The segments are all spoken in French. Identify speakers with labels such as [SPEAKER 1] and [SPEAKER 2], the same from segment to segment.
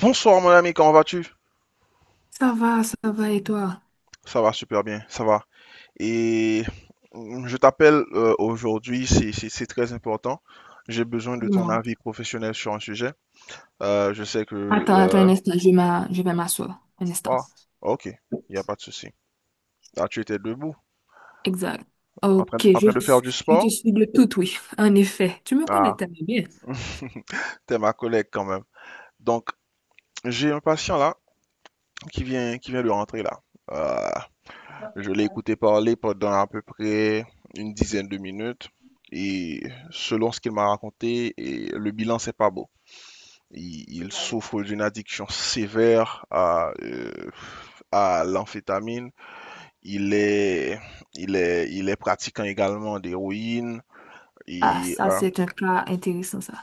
[SPEAKER 1] Bonsoir mon ami, comment vas-tu?
[SPEAKER 2] Ça va, et toi?
[SPEAKER 1] Ça va super bien, ça va. Et je t'appelle aujourd'hui, c'est très important. J'ai besoin de ton
[SPEAKER 2] Dis-moi.
[SPEAKER 1] avis professionnel sur un sujet. Je sais que.
[SPEAKER 2] Attends, attends un instant, je vais m'asseoir. Un instant.
[SPEAKER 1] Ah, ok, il n'y a pas de souci. Ah, tu étais debout,
[SPEAKER 2] Exact.
[SPEAKER 1] en train,
[SPEAKER 2] Ok,
[SPEAKER 1] en
[SPEAKER 2] je,
[SPEAKER 1] train de faire du
[SPEAKER 2] je te
[SPEAKER 1] sport?
[SPEAKER 2] suis de tout, oui. En effet, tu me connais
[SPEAKER 1] Ah,
[SPEAKER 2] tellement bien.
[SPEAKER 1] t'es ma collègue quand même. Donc, j'ai un patient là qui vient de rentrer là. Euh, Je l'ai écouté parler pendant à peu près une dizaine de minutes et selon ce qu'il m'a raconté, et le bilan c'est pas beau. Il souffre d'une addiction sévère à l'amphétamine. Il est, il est pratiquant également d'héroïne
[SPEAKER 2] Ah,
[SPEAKER 1] et
[SPEAKER 2] ça, c'est un cas intéressant, ça.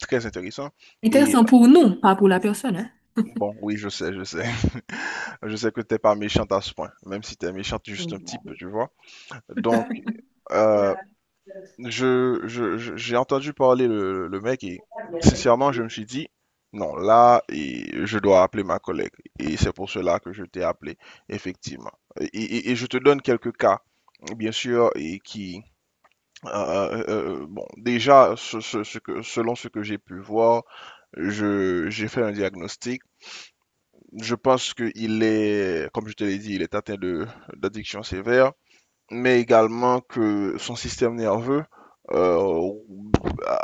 [SPEAKER 1] très intéressant. Et
[SPEAKER 2] Intéressant pour nous, pas pour la personne, hein?
[SPEAKER 1] bon, oui, je sais, je sais. Je sais que t'es pas méchante à ce point, même si t'es méchante
[SPEAKER 2] Je
[SPEAKER 1] juste un petit
[SPEAKER 2] vois.
[SPEAKER 1] peu, tu vois. Donc, euh, j'ai entendu parler le mec et sincèrement, je me suis dit, non, là, et je dois appeler ma collègue. Et c'est pour cela que je t'ai appelé, effectivement. Et je te donne quelques cas, bien sûr, et qui, euh, euh, bon, déjà, ce que, selon ce que j'ai pu voir, j'ai fait un diagnostic. Je pense qu'il est, comme je te l'ai dit, il est atteint de, d'addiction sévère mais également que son système nerveux euh,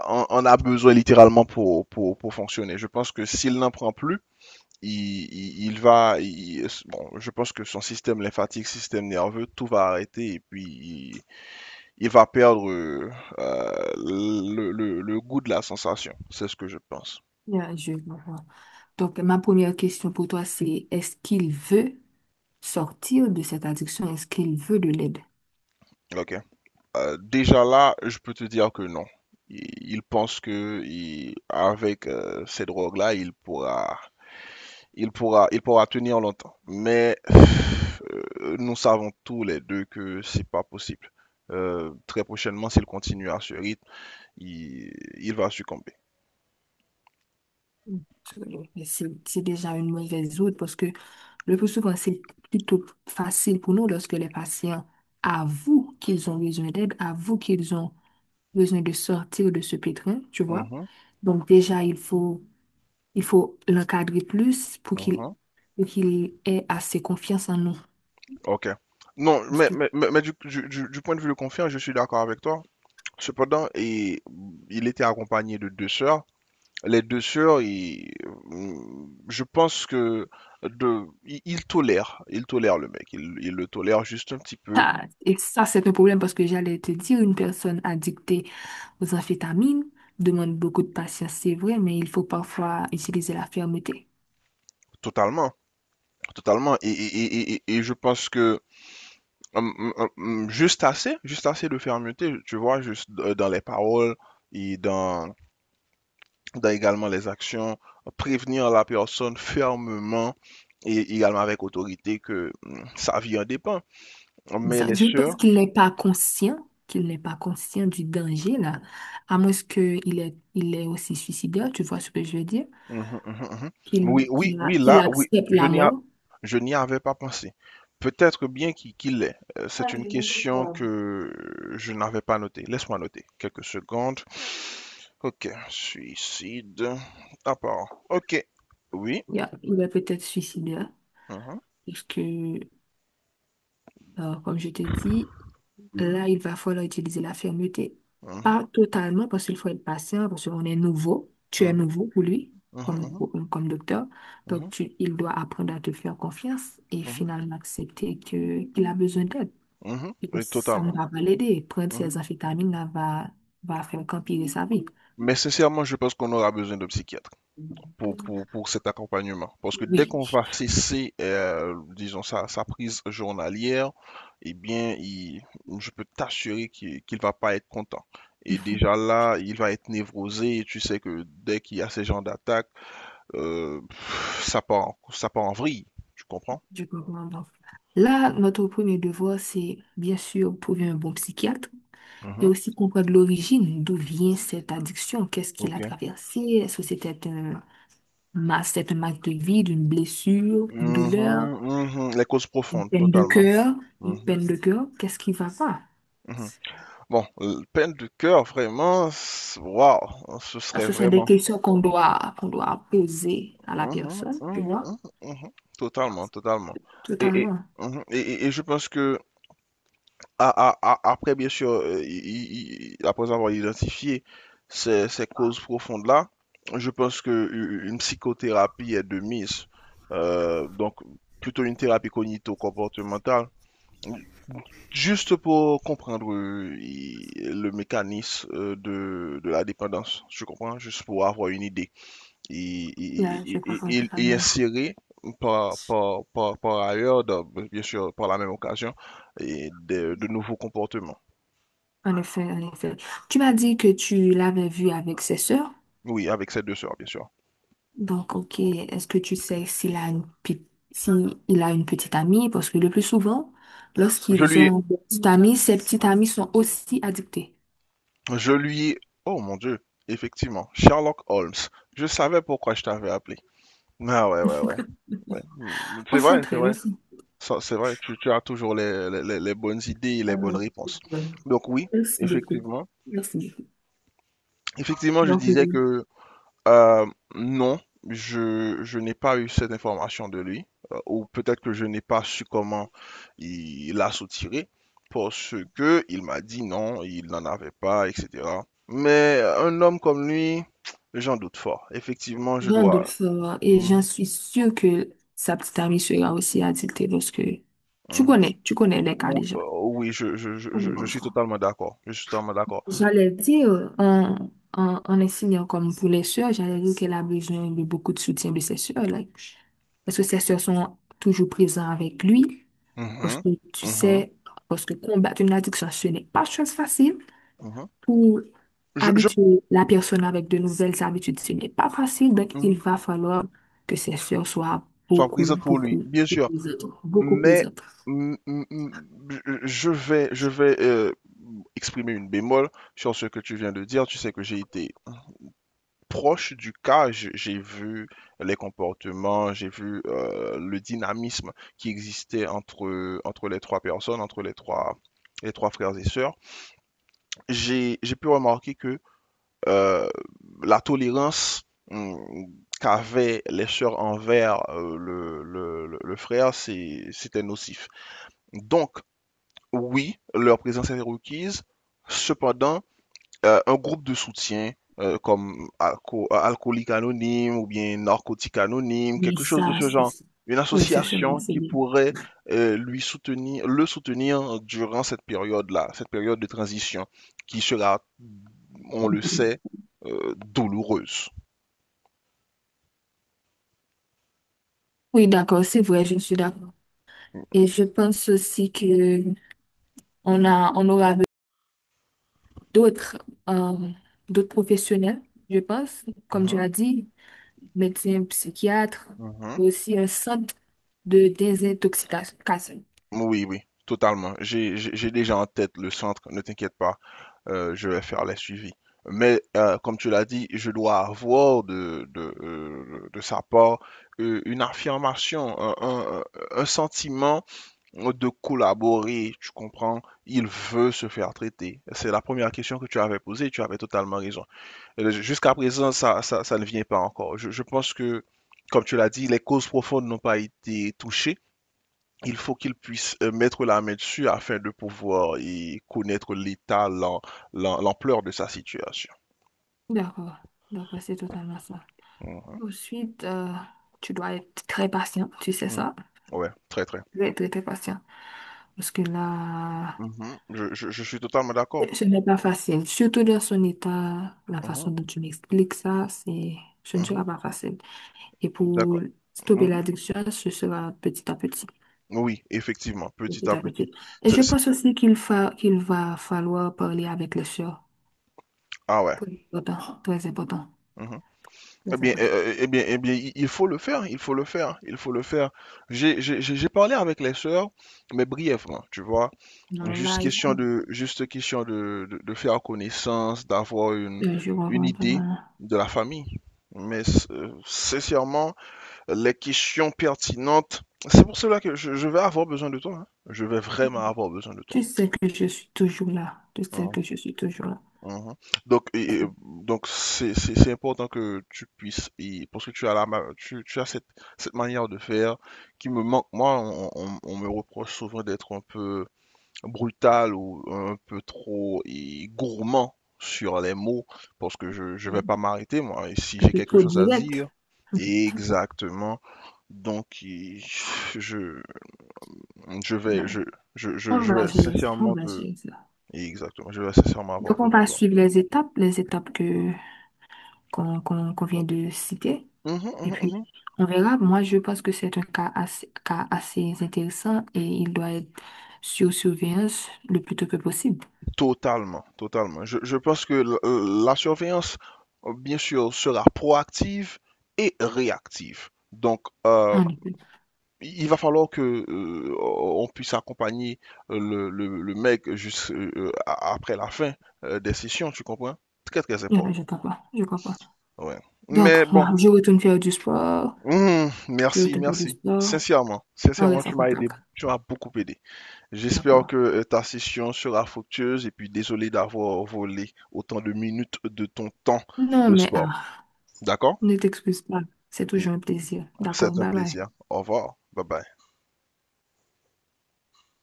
[SPEAKER 1] en a besoin littéralement pour fonctionner. Je pense que s'il n'en prend plus, bon, je pense que son système lymphatique, système nerveux, tout va arrêter et puis il va perdre le goût de la sensation. C'est ce que je pense.
[SPEAKER 2] Bien, je vois. Donc, ma première question pour toi, c'est est-ce qu'il veut sortir de cette addiction? Est-ce qu'il veut de l'aide?
[SPEAKER 1] Ok. Déjà là, je peux te dire que non. Il pense que avec ces drogues-là, il pourra tenir longtemps. Mais nous savons tous les deux que c'est pas possible. Très prochainement, s'il continue à ce rythme, il, il va succomber.
[SPEAKER 2] Absolument. Mais c'est déjà une mauvaise route parce que le plus souvent, c'est plutôt facile pour nous lorsque les patients avouent qu'ils ont besoin d'aide, avouent qu'ils ont besoin de sortir de ce pétrin, tu vois.
[SPEAKER 1] Mhm,
[SPEAKER 2] Donc déjà, il faut l'encadrer plus pour qu'il
[SPEAKER 1] mhm.
[SPEAKER 2] pour qu'il ait assez confiance en nous.
[SPEAKER 1] Ok. Non,
[SPEAKER 2] Parce
[SPEAKER 1] mais,
[SPEAKER 2] que,
[SPEAKER 1] mais, mais, mais du point de vue de confirme, je suis d'accord avec toi. Cependant, et, il était accompagné de deux sœurs. Les deux sœurs, je pense que de, ils, ils tolèrent le mec. Ils le tolèrent juste un petit peu,
[SPEAKER 2] ah, et ça, c'est un problème parce que j'allais te dire, une personne addictée aux amphétamines demande beaucoup de patience, c'est vrai, mais il faut parfois utiliser la fermeté.
[SPEAKER 1] totalement. Totalement. Et je pense que juste assez de fermeté, tu vois, dans les paroles et dans également les actions, prévenir la personne fermement et également avec autorité que sa vie en dépend. Mais
[SPEAKER 2] Exact.
[SPEAKER 1] les
[SPEAKER 2] Je pense
[SPEAKER 1] sœurs,
[SPEAKER 2] qu'il n'est pas conscient du danger, là, à moins qu'il est, il est aussi suicidaire, tu vois ce que je veux dire,
[SPEAKER 1] mhm, mhm, mhm. Oui,
[SPEAKER 2] qu'il
[SPEAKER 1] oui,
[SPEAKER 2] qu'il a-
[SPEAKER 1] oui,
[SPEAKER 2] qu'il
[SPEAKER 1] là, oui,
[SPEAKER 2] accepte la mort.
[SPEAKER 1] je n'y avais pas pensé. Peut-être bien qu'il l'est. C'est
[SPEAKER 2] Ouais.
[SPEAKER 1] une question que je n'avais pas notée. Laisse-moi noter quelques secondes. Ok, suicide. À part. Ok, oui.
[SPEAKER 2] Yeah, il est peut-être suicidaire.
[SPEAKER 1] Mhm,
[SPEAKER 2] Puisque, comme je te dis, là, il va falloir utiliser la fermeté.
[SPEAKER 1] mhm,
[SPEAKER 2] Pas totalement, parce qu'il faut être patient, parce qu'on est nouveau. Tu es
[SPEAKER 1] mhm,
[SPEAKER 2] nouveau pour lui,
[SPEAKER 1] mhm,
[SPEAKER 2] comme,
[SPEAKER 1] mhm,
[SPEAKER 2] comme docteur. Donc,
[SPEAKER 1] mhm,
[SPEAKER 2] il doit apprendre à te faire confiance et
[SPEAKER 1] mhm,
[SPEAKER 2] finalement accepter que, qu'il a besoin d'aide.
[SPEAKER 1] mhm, mhm.
[SPEAKER 2] Et que
[SPEAKER 1] Oui,
[SPEAKER 2] ça ne
[SPEAKER 1] totalement.
[SPEAKER 2] va pas l'aider. Prendre
[SPEAKER 1] Mhm.
[SPEAKER 2] ses amphétamines là, va faire qu'empirer sa vie.
[SPEAKER 1] Mais sincèrement, je pense qu'on aura besoin de psychiatre pour cet accompagnement. Parce que dès
[SPEAKER 2] Oui,
[SPEAKER 1] qu'on va cesser, disons, sa prise journalière, eh bien, je peux t'assurer qu'il qu'il va pas être content. Et déjà là, il va être névrosé. Et tu sais que dès qu'il y a ces genres d'attaques, pff, ça part, ça part en vrille, tu comprends?
[SPEAKER 2] je comprends. Donc, là, notre premier devoir, c'est bien sûr trouver un bon psychiatre et
[SPEAKER 1] Mhm.
[SPEAKER 2] aussi comprendre l'origine, d'où vient cette addiction, qu'est-ce qu'il a
[SPEAKER 1] Ok.
[SPEAKER 2] traversé, est-ce que c'est un manque de vie, une blessure, une douleur,
[SPEAKER 1] Mhm, mhm, les causes
[SPEAKER 2] une
[SPEAKER 1] profondes,
[SPEAKER 2] peine de
[SPEAKER 1] totalement.
[SPEAKER 2] cœur, une
[SPEAKER 1] Mhm,
[SPEAKER 2] peine de cœur, qu'est-ce qui va pas?
[SPEAKER 1] mhm. Bon, peine de cœur, vraiment, waouh, ce
[SPEAKER 2] Ah,
[SPEAKER 1] serait
[SPEAKER 2] ce sont des
[SPEAKER 1] vraiment.
[SPEAKER 2] questions qu'on doit poser à la
[SPEAKER 1] Mhm,
[SPEAKER 2] personne, tu
[SPEAKER 1] mhm,
[SPEAKER 2] vois,
[SPEAKER 1] mhm, mhm. Totalement, totalement. Et, et,
[SPEAKER 2] totalement.
[SPEAKER 1] mhm, et, et- et je pense que après, bien sûr, après avoir identifié ces causes profondes-là, je pense qu'une psychothérapie est de mise. Donc, plutôt une thérapie cognito-comportementale, juste pour comprendre le mécanisme de la dépendance, je comprends, juste pour avoir une idée et,
[SPEAKER 2] Là,
[SPEAKER 1] et-
[SPEAKER 2] je
[SPEAKER 1] et-
[SPEAKER 2] comprends
[SPEAKER 1] et- et et
[SPEAKER 2] totalement.
[SPEAKER 1] insérer par ailleurs, bien sûr, par la même occasion, et de nouveaux comportements.
[SPEAKER 2] En effet, en effet. Tu m'as dit que tu l'avais vu avec ses sœurs.
[SPEAKER 1] Oui, avec ses deux sœurs, bien sûr.
[SPEAKER 2] Donc, ok, est-ce que tu sais s'il a une, pe- si il a une petite amie? Parce que le plus souvent,
[SPEAKER 1] Je
[SPEAKER 2] lorsqu'ils
[SPEAKER 1] lui,
[SPEAKER 2] ont une petite amie, ces petites amies sont aussi addictées.
[SPEAKER 1] je lui, oh mon Dieu, effectivement, Sherlock Holmes. Je savais pourquoi je t'avais appelé. Ah ouais, ouais, ouais, ouais.
[SPEAKER 2] On
[SPEAKER 1] C'est vrai, c'est
[SPEAKER 2] s'entraide, on
[SPEAKER 1] vrai.
[SPEAKER 2] s'entraide.
[SPEAKER 1] Ça, c'est vrai, tu as toujours les bonnes idées et les bonnes réponses. Donc oui,
[SPEAKER 2] Merci beaucoup.
[SPEAKER 1] effectivement.
[SPEAKER 2] Merci beaucoup.
[SPEAKER 1] Effectivement, je
[SPEAKER 2] Donc, oui,
[SPEAKER 1] disais que Euh, non, je n'ai pas eu cette information de lui, ou peut-être que je n'ai pas su comment il l'a soutiré, parce que il m'a dit non, il n'en avait pas, etc. Mais un homme comme lui, j'en doute fort. Effectivement, je
[SPEAKER 2] j'ai hâte de
[SPEAKER 1] dois.
[SPEAKER 2] le et j'en
[SPEAKER 1] Mhm,
[SPEAKER 2] suis sûre que sa petite amie sera aussi addictée parce que tu
[SPEAKER 1] mhm.
[SPEAKER 2] connais, tu connais les cas déjà.
[SPEAKER 1] Oui, je, je, je,
[SPEAKER 2] On est
[SPEAKER 1] je- je
[SPEAKER 2] dans
[SPEAKER 1] suis
[SPEAKER 2] ça.
[SPEAKER 1] totalement d'accord. Je suis totalement d'accord.
[SPEAKER 2] J'allais dire, en enseignant comme pour les sœurs, j'allais dire qu'elle a besoin de beaucoup de soutien de ses sœurs, là. Parce que ses sœurs sont toujours présentes avec lui. Parce
[SPEAKER 1] Mhm,
[SPEAKER 2] que tu
[SPEAKER 1] mhm,
[SPEAKER 2] sais, parce que combattre une addiction, ce n'est pas chose facile.
[SPEAKER 1] mhm.
[SPEAKER 2] Pour
[SPEAKER 1] Je, je,
[SPEAKER 2] habituer la personne avec de nouvelles habitudes, ce n'est pas facile. Donc, il
[SPEAKER 1] mhm.
[SPEAKER 2] va falloir que ses sœurs soient
[SPEAKER 1] Sois
[SPEAKER 2] beaucoup,
[SPEAKER 1] présente pour lui,
[SPEAKER 2] beaucoup,
[SPEAKER 1] bien
[SPEAKER 2] beaucoup
[SPEAKER 1] sûr.
[SPEAKER 2] présentes. Beaucoup
[SPEAKER 1] Mais
[SPEAKER 2] présentes.
[SPEAKER 1] je vais exprimer une bémol sur ce que tu viens de dire. Tu sais que j'ai été proche du cas, j'ai vu les comportements, j'ai vu le dynamisme qui existait entre les trois personnes, entre les trois frères et sœurs. J'ai pu remarquer que euh, la tolérance mm, qu'avaient les sœurs envers le frère, c'était nocif. Donc, oui, leur présence est requise. Cependant, un groupe de soutien comme alcoolique anonyme ou bien narcotique anonyme,
[SPEAKER 2] Mais
[SPEAKER 1] quelque chose de
[SPEAKER 2] ça,
[SPEAKER 1] ce genre,
[SPEAKER 2] c'est.
[SPEAKER 1] une
[SPEAKER 2] Oui, ce sera,
[SPEAKER 1] association
[SPEAKER 2] c'est
[SPEAKER 1] qui
[SPEAKER 2] bien.
[SPEAKER 1] pourrait le soutenir durant cette période-là, cette période de transition qui sera, on le sait, douloureuse.
[SPEAKER 2] Oui, d'accord, c'est vrai, je suis d'accord. Et je pense aussi que on aura d'autres euh, d'autres professionnels, je pense, comme tu
[SPEAKER 1] Mhm,
[SPEAKER 2] as dit, médecins, psychiatres,
[SPEAKER 1] mhm.
[SPEAKER 2] mais aussi un centre de désintoxication.
[SPEAKER 1] Oui, oui, totalement. J'ai déjà en tête le centre, ne t'inquiète pas. Je vais faire les suivis. Mais comme tu l'as dit, je dois avoir de sa part une affirmation, un sentiment de collaborer, tu comprends? Il veut se faire traiter. C'est la première question que tu avais posée, tu avais totalement raison. Jusqu'à présent, ça ne vient pas encore. Je pense que, comme tu l'as dit, les causes profondes n'ont pas été touchées. Il faut qu'ils puissent mettre la main dessus afin de pouvoir y connaître l'état, l'ampleur de sa situation.
[SPEAKER 2] D'accord, d'accord, c'est totalement ça.
[SPEAKER 1] Mhm.
[SPEAKER 2] Ensuite, tu dois être très patient, tu sais
[SPEAKER 1] Mhm.
[SPEAKER 2] ça?
[SPEAKER 1] Ouais, très très.
[SPEAKER 2] Très, très, très patient. Parce que là,
[SPEAKER 1] Mhm. Je suis totalement d'accord.
[SPEAKER 2] ce n'est pas facile. Surtout dans son état, la
[SPEAKER 1] Mhm.
[SPEAKER 2] façon dont tu m'expliques ça, ce ne sera
[SPEAKER 1] Mhm.
[SPEAKER 2] pas facile. Et pour
[SPEAKER 1] D'accord.
[SPEAKER 2] stopper
[SPEAKER 1] Mhm.
[SPEAKER 2] l'addiction, ce sera petit à petit.
[SPEAKER 1] Oui, effectivement, petit
[SPEAKER 2] Petit
[SPEAKER 1] à
[SPEAKER 2] à
[SPEAKER 1] petit.
[SPEAKER 2] petit. Et je
[SPEAKER 1] C'est- c'est-
[SPEAKER 2] pense aussi qu'il va falloir parler avec les sœurs.
[SPEAKER 1] Ah ouais.
[SPEAKER 2] Très important. Très important.
[SPEAKER 1] Mhm. Eh
[SPEAKER 2] Très
[SPEAKER 1] bien,
[SPEAKER 2] important.
[SPEAKER 1] eh eh bien, il faut le faire, il faut le faire, il faut le faire. J'ai parlé avec les sœurs, mais brièvement, tu vois.
[SPEAKER 2] Non, mais
[SPEAKER 1] Juste
[SPEAKER 2] là, il
[SPEAKER 1] question de faire connaissance, d'avoir une,
[SPEAKER 2] Je
[SPEAKER 1] une
[SPEAKER 2] reviens pas
[SPEAKER 1] idée
[SPEAKER 2] vraiment.
[SPEAKER 1] de la famille. Mais sincèrement, les questions pertinentes, c'est pour cela que je vais avoir besoin de toi. Hein. Je vais vraiment avoir besoin de toi.
[SPEAKER 2] Tu sais que je suis toujours là. Tu sais que
[SPEAKER 1] Hein.
[SPEAKER 2] je suis toujours là.
[SPEAKER 1] Mhm. Donc, donc c'est important que tu puisses, et, parce que tu as, la, ma- tu as cette manière de faire qui me manque. Moi, on me reproche souvent d'être un peu brutal ou un peu trop et, gourmand sur les mots, parce que je ne vais
[SPEAKER 2] Mm.
[SPEAKER 1] pas m'arrêter, moi. Et si
[SPEAKER 2] Un
[SPEAKER 1] j'ai
[SPEAKER 2] peu
[SPEAKER 1] quelque
[SPEAKER 2] trop
[SPEAKER 1] chose à
[SPEAKER 2] direct.
[SPEAKER 1] dire, exactement. Donc, je, je vais,
[SPEAKER 2] Voilà.
[SPEAKER 1] je, je, je,
[SPEAKER 2] On
[SPEAKER 1] je
[SPEAKER 2] va
[SPEAKER 1] vais
[SPEAKER 2] gérer ça. On
[SPEAKER 1] sincèrement
[SPEAKER 2] va
[SPEAKER 1] te.
[SPEAKER 2] gérer ça.
[SPEAKER 1] Exactement, je vais sincèrement avoir
[SPEAKER 2] Donc, on
[SPEAKER 1] besoin de
[SPEAKER 2] va
[SPEAKER 1] toi.
[SPEAKER 2] suivre les étapes qu'on vient de citer.
[SPEAKER 1] Mhm,
[SPEAKER 2] Et
[SPEAKER 1] mhm,
[SPEAKER 2] puis,
[SPEAKER 1] mhm.
[SPEAKER 2] on verra. Moi, je pense que c'est un cas assez intéressant et il doit être sur surveillance le plus tôt que possible.
[SPEAKER 1] Totalement, totalement. Je pense que la surveillance, bien sûr, sera proactive et réactive. Donc,
[SPEAKER 2] En effet.
[SPEAKER 1] il va falloir que on puisse accompagner le mec juste après la fin des sessions, tu comprends? Très, très
[SPEAKER 2] Non,
[SPEAKER 1] important.
[SPEAKER 2] je crois pas. Je crois pas.
[SPEAKER 1] Ouais.
[SPEAKER 2] Donc,
[SPEAKER 1] Mais bon,
[SPEAKER 2] moi, je retourne faire du sport. Je
[SPEAKER 1] merci,
[SPEAKER 2] retourne faire du
[SPEAKER 1] merci.
[SPEAKER 2] sport.
[SPEAKER 1] Sincèrement,
[SPEAKER 2] On
[SPEAKER 1] sincèrement,
[SPEAKER 2] reste en
[SPEAKER 1] tu m'as
[SPEAKER 2] contact.
[SPEAKER 1] aidé, tu m'as beaucoup aidé. J'espère que
[SPEAKER 2] D'accord.
[SPEAKER 1] ta session sera fructueuse et puis désolé d'avoir volé autant de minutes de ton temps
[SPEAKER 2] Non,
[SPEAKER 1] de
[SPEAKER 2] mais
[SPEAKER 1] sport.
[SPEAKER 2] ah,
[SPEAKER 1] D'accord?
[SPEAKER 2] ne t'excuse pas. C'est toujours un plaisir. D'accord.
[SPEAKER 1] C'est un
[SPEAKER 2] Bye bye.
[SPEAKER 1] plaisir. Au revoir. Bye bye.